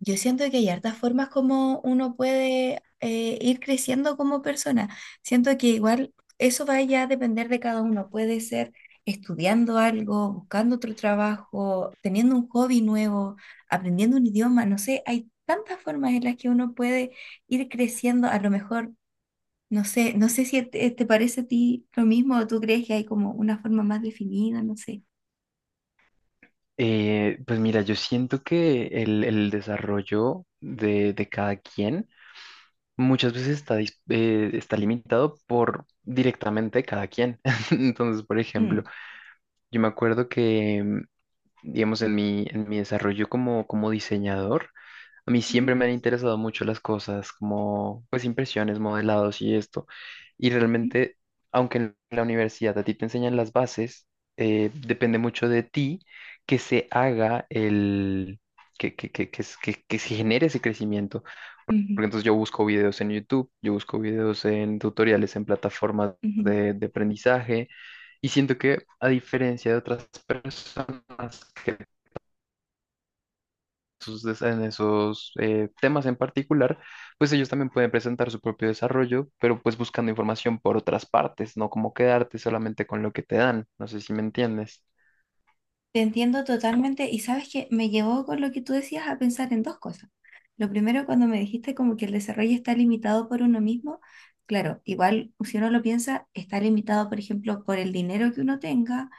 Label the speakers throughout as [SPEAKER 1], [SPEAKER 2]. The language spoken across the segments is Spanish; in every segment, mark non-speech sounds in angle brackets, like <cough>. [SPEAKER 1] Yo siento que hay hartas formas como uno puede ir creciendo como persona. Siento que igual eso va ya a depender de cada uno. Puede ser estudiando algo, buscando otro trabajo, teniendo un hobby nuevo, aprendiendo un idioma. No sé, hay tantas formas en las que uno puede ir creciendo. A lo mejor, no sé, no sé si te parece a ti lo mismo o tú crees que hay como una forma más definida, no sé.
[SPEAKER 2] Pues mira, yo siento que el desarrollo de cada quien muchas veces está, está limitado por directamente cada quien. <laughs> Entonces, por ejemplo,
[SPEAKER 1] Mm.
[SPEAKER 2] yo me acuerdo que, digamos, en mi desarrollo como diseñador, a mí
[SPEAKER 1] Ujú,
[SPEAKER 2] siempre me han interesado mucho las cosas como, pues, impresiones, modelados y esto. Y realmente, aunque en la universidad a ti te enseñan las bases, depende mucho de ti que se haga el, que se genere ese crecimiento.
[SPEAKER 1] ujú, ujú,
[SPEAKER 2] Porque entonces yo busco videos en YouTube, yo busco videos en tutoriales, en plataformas
[SPEAKER 1] ujú.
[SPEAKER 2] de aprendizaje. Y siento que a diferencia de otras personas en esos temas en particular, pues ellos también pueden presentar su propio desarrollo, pero pues buscando información por otras partes, no como quedarte solamente con lo que te dan. No sé si me entiendes.
[SPEAKER 1] Te entiendo totalmente y sabes que me llevó con lo que tú decías a pensar en dos cosas. Lo primero, cuando me dijiste como que el desarrollo está limitado por uno mismo, claro, igual si uno lo piensa, está limitado, por ejemplo, por el dinero que uno tenga,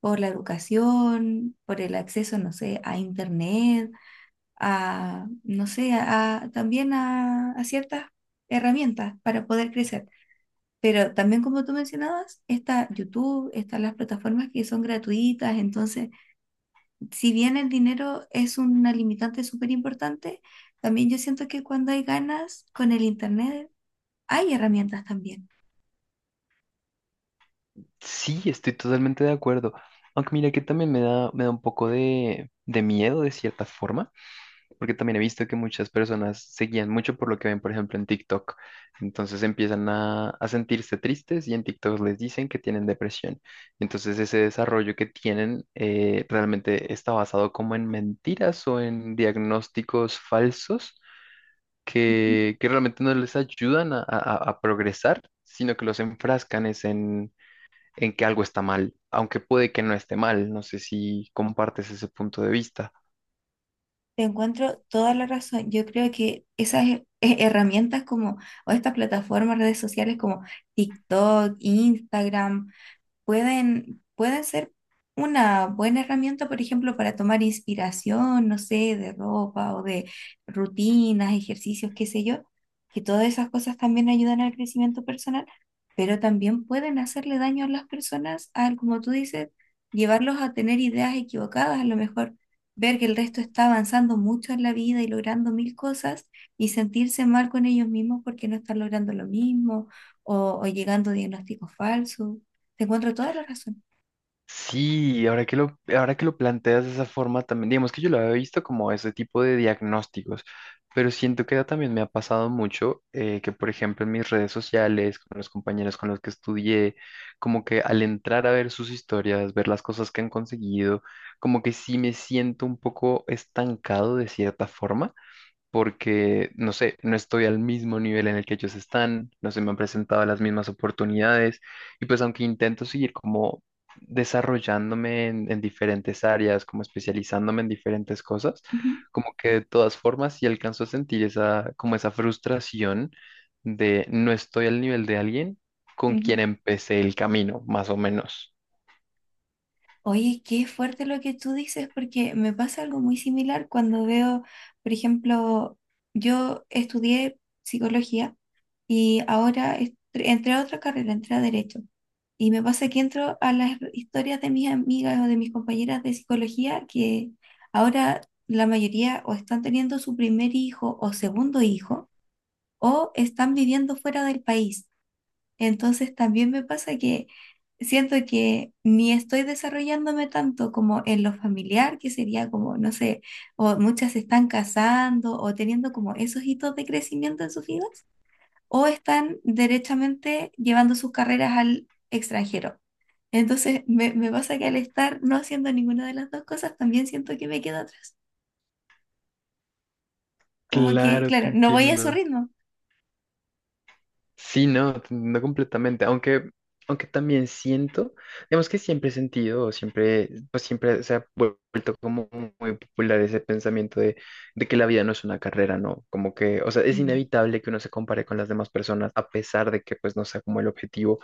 [SPEAKER 1] por la educación, por el acceso, no sé, a internet, a, no sé, a, también a ciertas herramientas para poder crecer. Pero también, como tú mencionabas, está YouTube, están las plataformas que son gratuitas, entonces si bien el dinero es una limitante súper importante, también yo siento que cuando hay ganas con el Internet, hay herramientas también.
[SPEAKER 2] Sí, estoy totalmente de acuerdo. Aunque mira que también me da un poco de miedo de cierta forma porque también he visto que muchas personas se guían mucho por lo que ven, por ejemplo, en TikTok. Entonces empiezan a sentirse tristes y en TikTok les dicen que tienen depresión. Entonces ese desarrollo que tienen realmente está basado como en mentiras o en diagnósticos falsos
[SPEAKER 1] Ujú.
[SPEAKER 2] que realmente no les ayudan a progresar, sino que los enfrascan es en que algo está mal, aunque puede que no esté mal. No sé si compartes ese punto de vista.
[SPEAKER 1] Te encuentro toda la razón. Yo creo que esas herramientas como, o estas plataformas, redes sociales como TikTok, Instagram, pueden ser una buena herramienta, por ejemplo, para tomar inspiración, no sé, de ropa o de rutinas, ejercicios, qué sé yo, que todas esas cosas también ayudan al crecimiento personal, pero también pueden hacerle daño a las personas al, como tú dices, llevarlos a tener ideas equivocadas, a lo mejor ver que el resto está avanzando mucho en la vida y logrando mil cosas y sentirse mal con ellos mismos porque no están logrando lo mismo o llegando a diagnósticos falsos. Te encuentro toda la razón.
[SPEAKER 2] Sí, ahora que lo planteas de esa forma también, digamos que yo lo había visto como ese tipo de diagnósticos, pero siento que también me ha pasado mucho que, por ejemplo, en mis redes sociales, con los compañeros con los que estudié, como que al entrar a ver sus historias, ver las cosas que han conseguido, como que sí me siento un poco estancado de cierta forma porque, no sé, no estoy al mismo nivel en el que ellos están, no se me han presentado las mismas oportunidades y pues aunque intento seguir como desarrollándome en diferentes áreas, como especializándome en diferentes cosas,
[SPEAKER 1] Ujú,
[SPEAKER 2] como que de todas formas sí alcanzo a sentir esa, como esa frustración de no estoy al nivel de alguien con
[SPEAKER 1] ujú.
[SPEAKER 2] quien empecé el camino, más o menos.
[SPEAKER 1] Oye, qué fuerte lo que tú dices, porque me pasa algo muy similar cuando veo, por ejemplo, yo estudié psicología y ahora entré a otra carrera, entré a derecho. Y me pasa que entro a las historias de mis amigas o de mis compañeras de psicología que ahora la mayoría o están teniendo su primer hijo o segundo hijo o están viviendo fuera del país. Entonces también me pasa que siento que ni estoy desarrollándome tanto como en lo familiar, que sería como, no sé, o muchas se están casando o teniendo como esos hitos de crecimiento en sus vidas, o están derechamente llevando sus carreras al extranjero. Entonces me pasa que al estar no haciendo ninguna de las dos cosas, también siento que me quedo atrás. Como que,
[SPEAKER 2] Claro, te
[SPEAKER 1] claro, no voy a su
[SPEAKER 2] entiendo.
[SPEAKER 1] ritmo.
[SPEAKER 2] Sí, no, no completamente, aunque también siento, digamos que siempre he sentido, o siempre, pues siempre se ha vuelto como muy popular ese pensamiento de que la vida no es una carrera, ¿no? Como que, o sea, es
[SPEAKER 1] Mm,
[SPEAKER 2] inevitable que uno se compare con las demás personas a pesar de que pues no sea como el objetivo,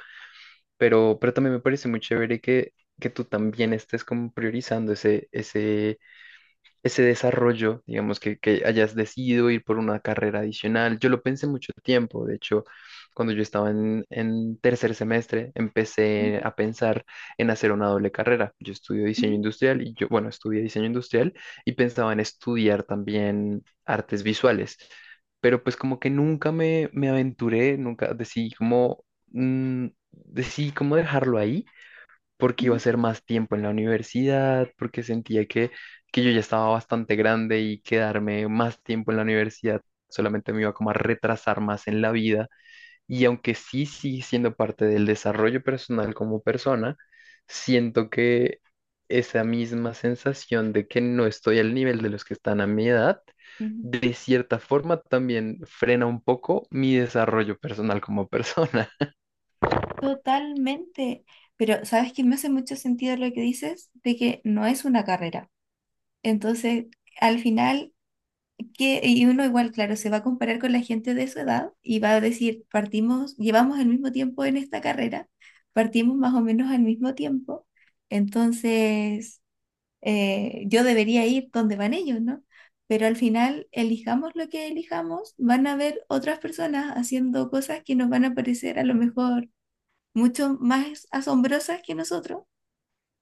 [SPEAKER 2] pero también me parece muy chévere que tú también estés como priorizando ese desarrollo, digamos, que hayas decidido ir por una carrera adicional. Yo lo pensé mucho tiempo, de hecho, cuando yo estaba en tercer semestre, empecé
[SPEAKER 1] ujú,
[SPEAKER 2] a pensar en hacer una doble carrera. Yo estudio
[SPEAKER 1] ujú,
[SPEAKER 2] diseño industrial y yo, bueno, estudié diseño industrial y pensaba en estudiar también artes visuales, pero pues como que nunca me aventuré, nunca decidí como dejarlo ahí porque iba a
[SPEAKER 1] ujú,
[SPEAKER 2] ser más tiempo en la universidad, porque sentía que yo ya estaba bastante grande y quedarme más tiempo en la universidad solamente me iba como a retrasar más en la vida. Y aunque sí sigue siendo parte del desarrollo personal como persona, siento que esa misma sensación de que no estoy al nivel de los que están a mi edad,
[SPEAKER 1] ujú.
[SPEAKER 2] de cierta forma también frena un poco mi desarrollo personal como persona. <laughs>
[SPEAKER 1] Totalmente, pero sabes que me hace mucho sentido lo que dices de que no es una carrera. Entonces, al final, que y uno igual, claro, se va a comparar con la gente de su edad y va a decir, partimos, llevamos el mismo tiempo en esta carrera, partimos más o menos al mismo tiempo, entonces yo debería ir donde van ellos, ¿no? Pero al final, elijamos lo que elijamos, van a haber otras personas haciendo cosas que nos van a parecer a lo mejor mucho más asombrosas que nosotros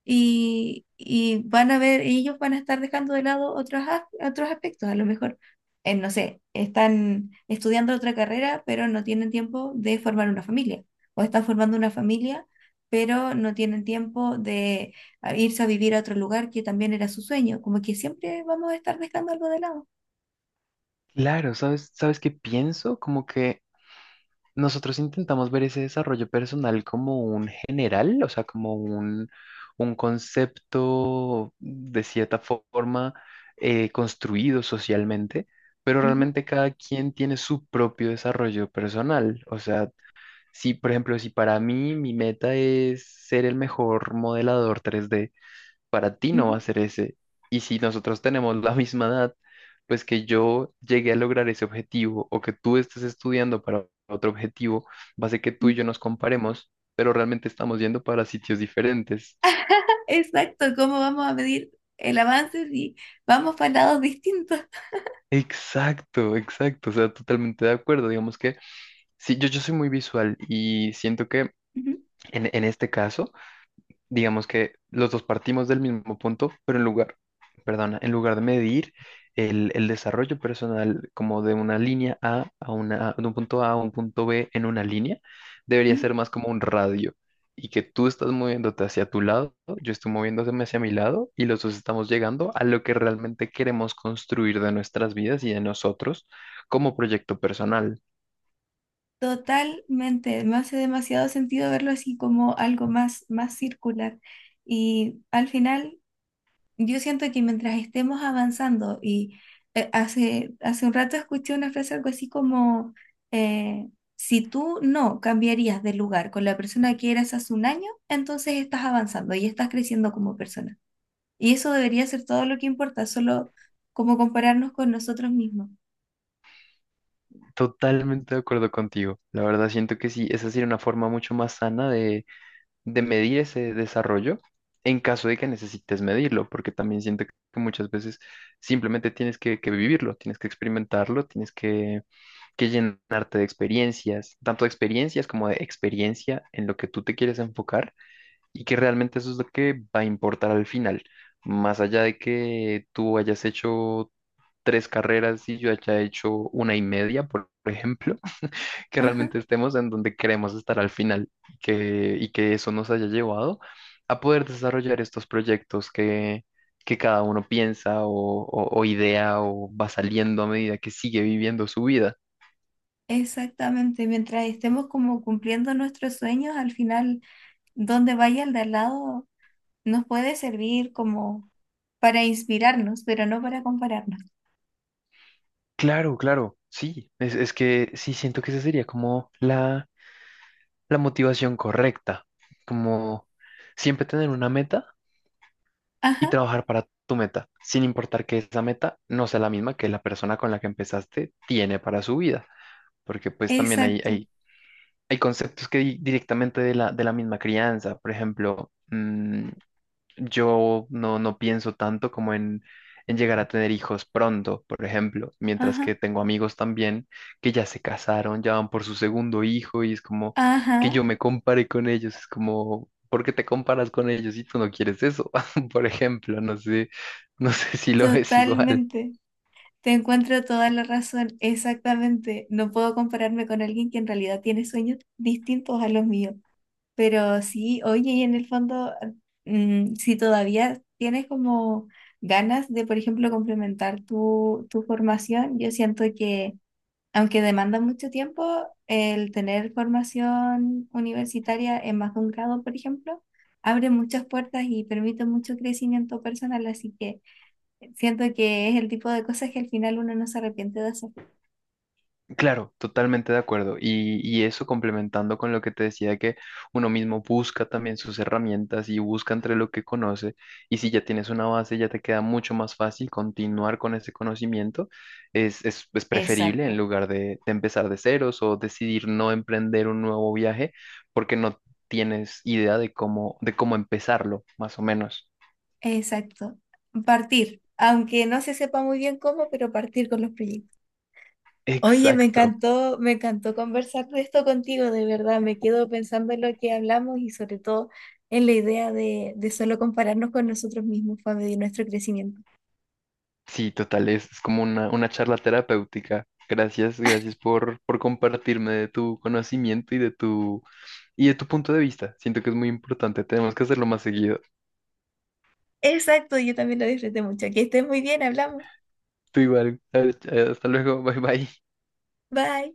[SPEAKER 1] y van a ver, ellos van a estar dejando de lado otros, otros aspectos, a lo mejor, no sé, están estudiando otra carrera, pero no tienen tiempo de formar una familia, o están formando una familia, pero no tienen tiempo de irse a vivir a otro lugar que también era su sueño, como que siempre vamos a estar dejando algo de lado.
[SPEAKER 2] Claro, ¿sabes? ¿Sabes qué pienso? Como que nosotros intentamos ver ese desarrollo personal como un general, o sea, como un concepto de cierta forma construido socialmente, pero
[SPEAKER 1] Ujú,
[SPEAKER 2] realmente cada quien tiene su propio desarrollo personal. O sea, si, por ejemplo, si para mí mi meta es ser el mejor modelador 3D para ti no va a
[SPEAKER 1] ujú,
[SPEAKER 2] ser ese. Y si nosotros tenemos la misma edad, pues que yo llegué a lograr ese objetivo o que tú estés estudiando para otro objetivo, va a ser que tú
[SPEAKER 1] ujú.
[SPEAKER 2] y yo nos comparemos, pero realmente estamos yendo para sitios diferentes.
[SPEAKER 1] Exacto, ¿cómo vamos a medir el avance si vamos para lados distintos?
[SPEAKER 2] Exacto, exacto, o sea, totalmente de acuerdo. Digamos que sí, yo soy muy visual y siento que
[SPEAKER 1] Ujú,
[SPEAKER 2] en este caso digamos que los dos partimos del mismo punto, pero en lugar, perdona, en lugar de medir el desarrollo personal como de una línea A a una, de un punto A a un punto B en una línea, debería
[SPEAKER 1] ujú.
[SPEAKER 2] ser más como un radio y que tú estás moviéndote hacia tu lado, yo estoy moviéndome hacia mi lado y los dos estamos llegando a lo que realmente queremos construir de nuestras vidas y de nosotros como proyecto personal.
[SPEAKER 1] Totalmente, me hace demasiado sentido verlo así como algo más, más circular. Y al final, yo siento que mientras estemos avanzando, y hace un rato escuché una frase algo así como, eh, si tú no cambiarías de lugar con la persona que eras hace un año, entonces estás avanzando y estás creciendo como persona. Y eso debería ser todo lo que importa, solo como compararnos con nosotros mismos.
[SPEAKER 2] Totalmente de acuerdo contigo. La verdad siento que sí, esa sería una forma mucho más sana de medir ese desarrollo en caso de que necesites medirlo, porque también siento que muchas veces simplemente tienes que vivirlo, tienes que experimentarlo, tienes que llenarte de experiencias, tanto de experiencias como de experiencia en lo que tú te quieres enfocar y que realmente eso es lo que va a importar al final, más allá de que tú hayas hecho tres carreras y yo haya hecho una y media, por ejemplo, que
[SPEAKER 1] Ajá.
[SPEAKER 2] realmente estemos en donde queremos estar al final, y que eso nos haya llevado a poder desarrollar estos proyectos que cada uno piensa o idea o va saliendo a medida que sigue viviendo su vida.
[SPEAKER 1] Exactamente, mientras estemos como cumpliendo nuestros sueños, al final, donde vaya el de al lado, nos puede servir como para inspirarnos, pero no para compararnos.
[SPEAKER 2] Claro, claro, sí, es que sí siento que esa sería como la motivación correcta, como siempre tener una meta y
[SPEAKER 1] Ajá,
[SPEAKER 2] trabajar para tu meta, sin importar que esa meta no sea la misma que la persona con la que empezaste tiene para su vida, porque pues también hay,
[SPEAKER 1] exacto.
[SPEAKER 2] hay, hay conceptos que directamente de la misma crianza. Por ejemplo, yo no, no pienso tanto como en llegar a tener hijos pronto, por ejemplo, mientras
[SPEAKER 1] Ajá,
[SPEAKER 2] que tengo amigos también que ya se casaron, ya van por su segundo hijo y es como que
[SPEAKER 1] ajá,
[SPEAKER 2] yo me compare con ellos, es como ¿por qué te comparas con ellos si tú no quieres eso? <laughs> Por ejemplo, no sé, no sé si lo ves <laughs> igual.
[SPEAKER 1] totalmente. Te encuentro toda la razón, exactamente. No puedo compararme con alguien que en realidad tiene sueños distintos a los míos. Pero sí, oye, y en el fondo, mm, si todavía tienes como ganas de, por ejemplo, complementar tu formación, yo siento que, aunque demanda mucho tiempo, el tener formación universitaria en más de un grado, por ejemplo, abre muchas puertas y permite mucho crecimiento personal, así que siento que es el tipo de cosas que al final uno no se arrepiente de hacer.
[SPEAKER 2] Claro, totalmente de acuerdo. Y eso complementando con lo que te decía, que uno mismo busca también sus herramientas y busca entre lo que conoce. Y si ya tienes una base, ya te queda mucho más fácil continuar con ese conocimiento. Es preferible en
[SPEAKER 1] Exacto,
[SPEAKER 2] lugar de empezar de ceros o decidir no emprender un nuevo viaje porque no tienes idea de cómo empezarlo, más o menos.
[SPEAKER 1] exacto. Partir, aunque no se sepa muy bien cómo, pero partir con los proyectos. Oye,
[SPEAKER 2] Exacto.
[SPEAKER 1] me encantó conversar de esto contigo, de verdad. Me quedo pensando en lo que hablamos y sobre todo en la idea de solo compararnos con nosotros mismos para medir nuestro crecimiento.
[SPEAKER 2] Sí, total, es como una charla terapéutica. Gracias, gracias por compartirme de tu conocimiento y y de tu punto de vista. Siento que es muy importante, tenemos que hacerlo más seguido.
[SPEAKER 1] Exacto, yo también lo disfruté mucho. Que estés muy bien, hablamos.
[SPEAKER 2] Tú igual, hasta luego, <laughs> bye bye.
[SPEAKER 1] Bye.